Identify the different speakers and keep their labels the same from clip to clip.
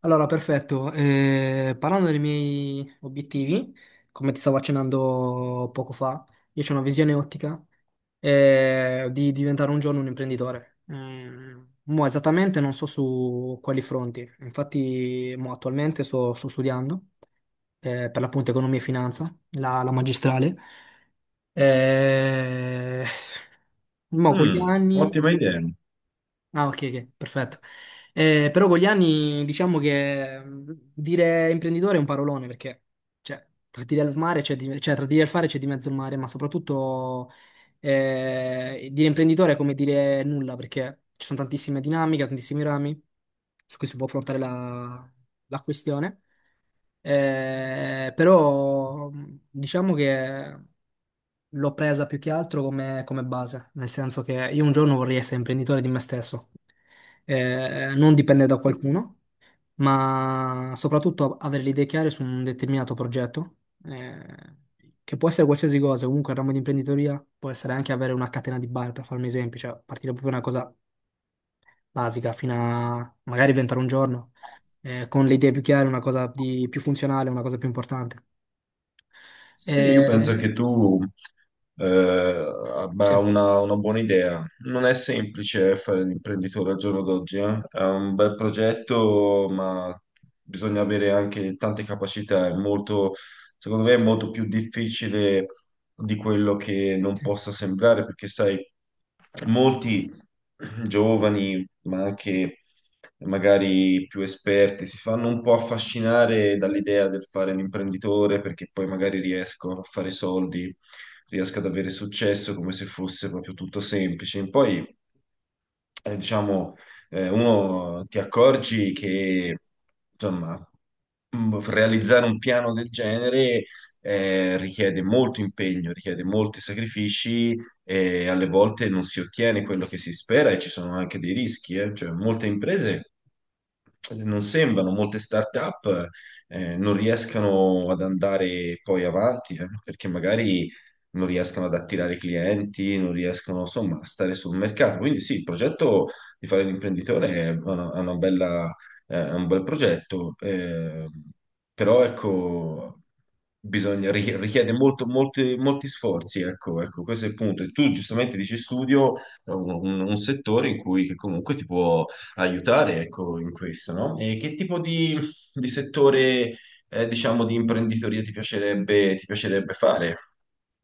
Speaker 1: Allora, perfetto. Parlando dei miei obiettivi, come ti stavo accennando poco fa, io ho una visione ottica di diventare un giorno un imprenditore. Mo esattamente non so su quali fronti, infatti mo attualmente sto studiando per l'appunto economia e finanza, la magistrale. Eh, mo con gli
Speaker 2: Mm,
Speaker 1: anni.
Speaker 2: ottima idea.
Speaker 1: Ah, ok, ok, perfetto. Però con gli anni diciamo che dire imprenditore è un parolone perché cioè, tra dire al mare c'è di- cioè, tra dire al fare c'è di mezzo il mare, ma soprattutto dire imprenditore è come dire nulla perché ci sono tantissime dinamiche, tantissimi rami su cui si può affrontare la questione. Però diciamo che l'ho presa più che altro come, come base, nel senso che io un giorno vorrei essere imprenditore di me stesso. Non dipendere da qualcuno, ma soprattutto avere le idee chiare su un determinato progetto, eh, che può essere qualsiasi cosa, comunque il ramo di imprenditoria può essere anche avere una catena di bar, per farmi esempi, cioè partire proprio da una cosa basica fino a magari inventare un giorno, con le idee più chiare, una cosa più funzionale, una cosa più importante.
Speaker 2: Sì, io penso
Speaker 1: Eh,
Speaker 2: che tu
Speaker 1: sì,
Speaker 2: abbia una buona idea. Non è semplice fare l'imprenditore al giorno d'oggi, eh. È un bel progetto, ma bisogna avere anche tante capacità. Secondo me, è molto più difficile di quello che non
Speaker 1: sì.
Speaker 2: possa sembrare, perché sai, molti giovani ma anche magari più esperti, si fanno un po' affascinare dall'idea del fare l'imprenditore perché poi magari riesco a fare soldi, riesco ad avere successo come se fosse proprio tutto semplice. Poi, diciamo, uno ti accorgi che, insomma, realizzare un piano del genere richiede molto impegno, richiede molti sacrifici e alle volte non si ottiene quello che si spera e ci sono anche dei rischi, eh. Cioè, molte imprese non sembrano, molte start-up non riescano ad andare poi avanti, perché magari non riescono ad attirare clienti, non riescono insomma a stare sul mercato. Quindi sì, il progetto di fare l'imprenditore è è una bella è un bel progetto, però ecco, bisogna, richiede molto, molti, molti sforzi, ecco, ecco, questo è il punto. E tu giustamente dici studio, è un settore in cui che comunque ti può aiutare, ecco, in questo, no? E che tipo di settore, diciamo, di imprenditoria ti piacerebbe fare?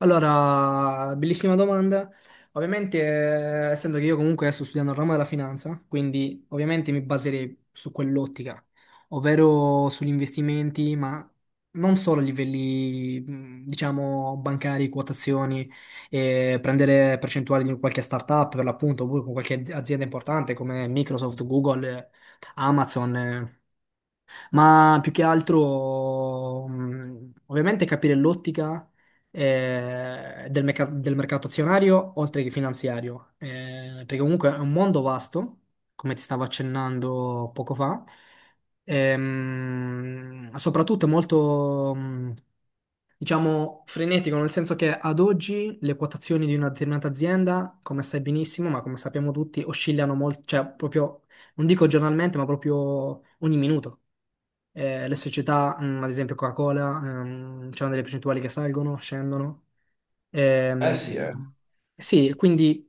Speaker 1: Allora, bellissima domanda. Ovviamente, essendo che io comunque adesso sto studiando il ramo della finanza, quindi ovviamente mi baserei su quell'ottica, ovvero sugli investimenti, ma non solo a livelli, diciamo, bancari, quotazioni, prendere percentuali di qualche startup per l'appunto, oppure con qualche azienda importante come Microsoft, Google, Amazon. Ma più che altro, ovviamente capire l'ottica del, del mercato azionario oltre che finanziario, perché comunque è un mondo vasto, come ti stavo accennando poco fa, soprattutto è molto, diciamo, frenetico, nel senso che ad oggi le quotazioni di una determinata azienda, come sai benissimo, ma come sappiamo tutti, oscillano molto, cioè proprio, non dico giornalmente, ma proprio ogni minuto. Le società, ad esempio Coca-Cola, c'hanno delle percentuali che salgono, scendono. Ehm,
Speaker 2: Sì, eh.
Speaker 1: sì, quindi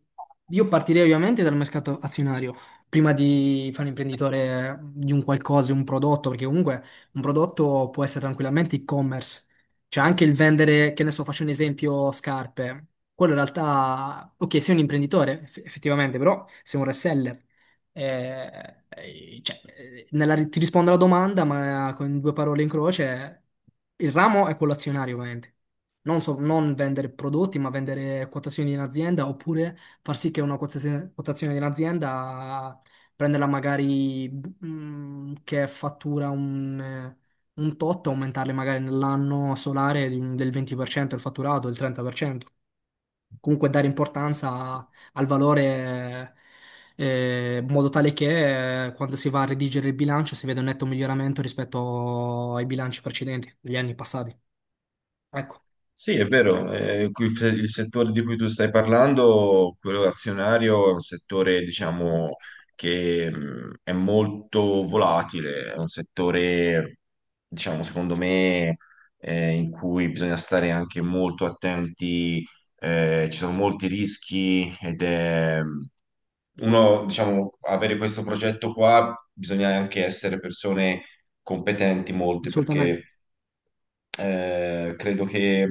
Speaker 1: io partirei ovviamente dal mercato azionario, prima di fare imprenditore di un qualcosa, un prodotto, perché comunque un prodotto può essere tranquillamente e-commerce, cioè anche il vendere, che ne so, faccio un esempio, scarpe. Quello in realtà, ok, sei un imprenditore, effettivamente, però sei un reseller. Cioè, ti rispondo alla domanda, ma con due parole in croce, il ramo è quello azionario, ovviamente non vendere prodotti, ma vendere quotazioni in azienda, oppure far sì che una quotazione, quotazione in azienda prenderla magari che fattura un tot, aumentarle magari nell'anno solare di del 20% il fatturato, del 30%. Comunque dare importanza al valore in modo tale che quando si va a redigere il bilancio si veda un netto miglioramento rispetto ai bilanci precedenti, degli anni passati. Ecco,
Speaker 2: Sì, è vero, qui il settore di cui tu stai parlando, quello azionario, è un settore, diciamo, che è molto volatile, è un settore, diciamo, secondo me, in cui bisogna stare anche molto attenti, ci sono molti rischi ed è uno, diciamo, avere questo progetto qua bisogna anche essere persone competenti molte
Speaker 1: assolutamente.
Speaker 2: perché credo che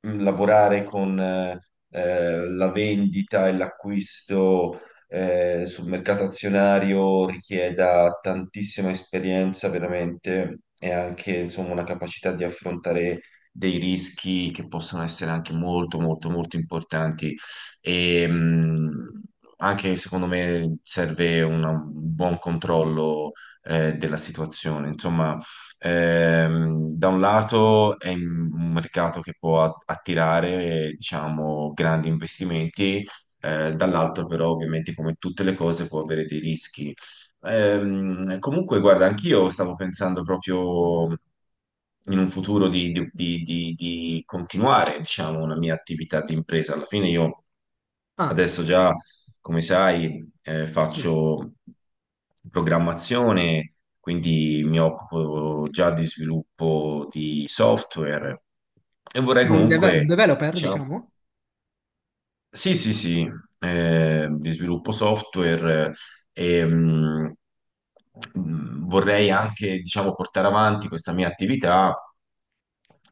Speaker 2: lavorare con la vendita e l'acquisto sul mercato azionario richieda tantissima esperienza veramente e anche insomma una capacità di affrontare dei rischi che possono essere anche molto molto molto importanti e anche secondo me serve un buon controllo della situazione. Insomma, da un lato è un mercato che può attirare, diciamo, grandi investimenti, dall'altro però ovviamente come tutte le cose può avere dei rischi. Comunque, guarda, anch'io stavo pensando proprio in un futuro di continuare, diciamo, una mia attività di impresa. Alla fine io
Speaker 1: Ah.
Speaker 2: adesso già, come sai,
Speaker 1: Sì.
Speaker 2: faccio programmazione, quindi mi occupo già di sviluppo di software e vorrei
Speaker 1: Sei un, un
Speaker 2: comunque,
Speaker 1: developer,
Speaker 2: diciamo,
Speaker 1: diciamo?
Speaker 2: sì, sì, sì, di sviluppo software eh, e mh, vorrei anche, diciamo, portare avanti questa mia attività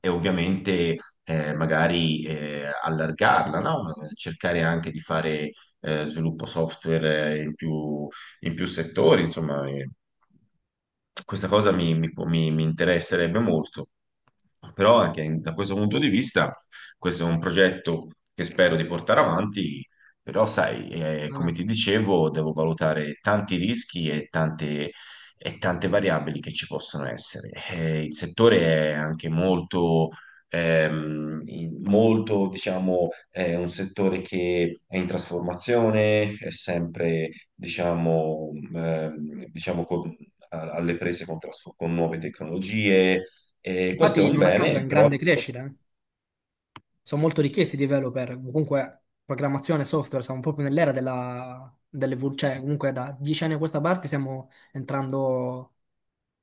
Speaker 2: e ovviamente magari allargarla, no? Cercare anche di fare sviluppo software in più settori, insomma, questa cosa mi interesserebbe molto. Però anche da questo punto di vista, questo è un progetto che spero di portare avanti, però sai, come
Speaker 1: Veramente.
Speaker 2: ti dicevo, devo valutare tanti rischi e tante variabili che ci possono essere. Il settore è anche molto, molto, diciamo, è un settore che è in trasformazione, è sempre, diciamo, diciamo alle prese con, con nuove tecnologie. E questo è
Speaker 1: Infatti,
Speaker 2: un
Speaker 1: non a caso è
Speaker 2: bene,
Speaker 1: in
Speaker 2: però al
Speaker 1: grande
Speaker 2: tempo.
Speaker 1: crescita. Sono molto richiesti i developer. Comunque, programmazione, software, siamo proprio nell'era della, cioè, comunque, da 10 anni a questa parte stiamo entrando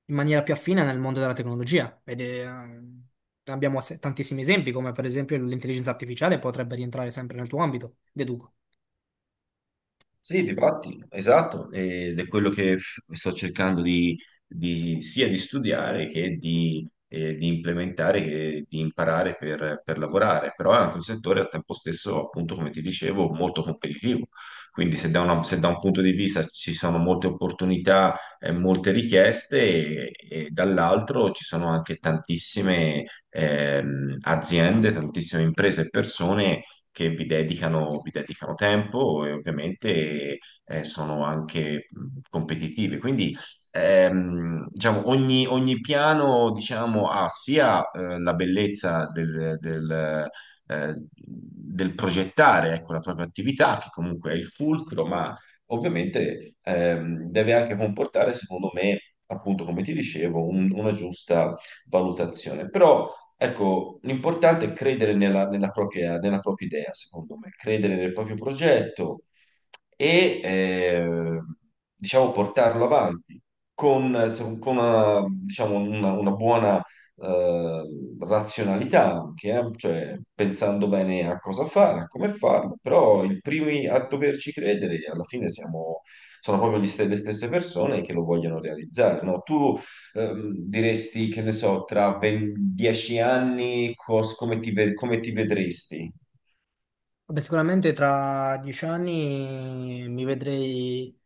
Speaker 1: in maniera più affine nel mondo della tecnologia. Ed è, abbiamo tantissimi esempi, come per esempio l'intelligenza artificiale potrebbe rientrare sempre nel tuo ambito, deduco.
Speaker 2: Sì, difatti, esatto, ed è quello che sto cercando sia di studiare che di implementare, che di imparare per lavorare, però è anche un settore al tempo stesso, appunto, come ti dicevo, molto competitivo, quindi se se da un punto di vista ci sono molte opportunità e molte richieste, e dall'altro ci sono anche tantissime aziende, tantissime imprese e persone che vi dedicano tempo e ovviamente sono anche competitive. Quindi diciamo, ogni, ogni piano diciamo, ha sia la bellezza del progettare ecco, la propria attività, che comunque è il fulcro, ma ovviamente deve anche comportare, secondo me, appunto, come ti dicevo, una giusta valutazione. Però ecco, l'importante è credere nella propria idea, secondo me, credere nel proprio progetto e, diciamo, portarlo avanti con, con una, diciamo, una buona, eh, razionalità anche, cioè, pensando bene a cosa fare, a come farlo, però i primi a doverci credere alla fine sono proprio le stesse persone che lo vogliono realizzare, no? Tu diresti, che ne so, tra 20 10 anni come come ti vedresti?
Speaker 1: Vabbè, sicuramente tra 10 anni mi vedrei.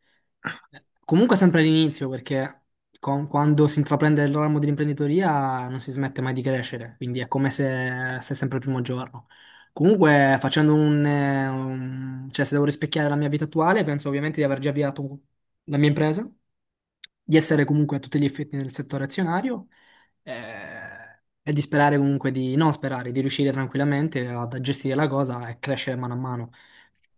Speaker 1: Comunque sempre all'inizio, perché quando si intraprende il ramo dell'imprenditoria non si smette mai di crescere, quindi è come se sei sempre il primo giorno. Comunque, facendo un, cioè se devo rispecchiare la mia vita attuale, penso ovviamente di aver già avviato la mia impresa, di essere comunque a tutti gli effetti nel settore azionario e di sperare comunque di, non sperare, di riuscire tranquillamente ad a gestire la cosa e crescere mano a mano.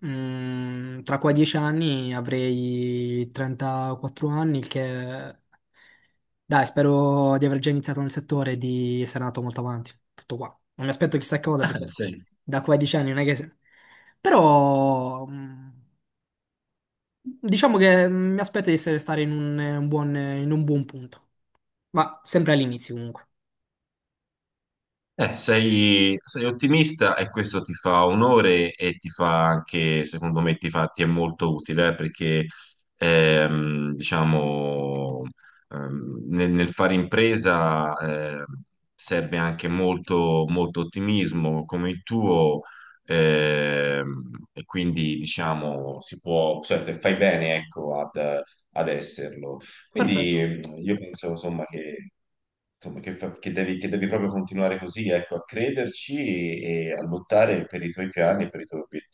Speaker 1: Tra qua 10 anni avrei 34 anni, il che dai, spero di aver già iniziato nel settore e di essere andato molto avanti. Tutto qua. Non mi aspetto chissà cosa
Speaker 2: Ah,
Speaker 1: perché
Speaker 2: sì.
Speaker 1: da qua a 10 anni non è che... Però... diciamo che mi aspetto di essere stare in un buon, in un buon punto, ma sempre all'inizio comunque.
Speaker 2: Sei, sei ottimista e questo ti fa onore e ti fa anche, secondo me, ti fa, ti è molto utile, perché diciamo, nel, nel fare impresa serve anche molto, molto ottimismo come il tuo, e quindi diciamo si può, cioè, fai bene, ecco, ad, ad esserlo.
Speaker 1: Perfetto.
Speaker 2: Quindi io penso, insomma, che, che devi proprio continuare così, ecco, a crederci e a lottare per i tuoi piani e per i tuoi obiettivi.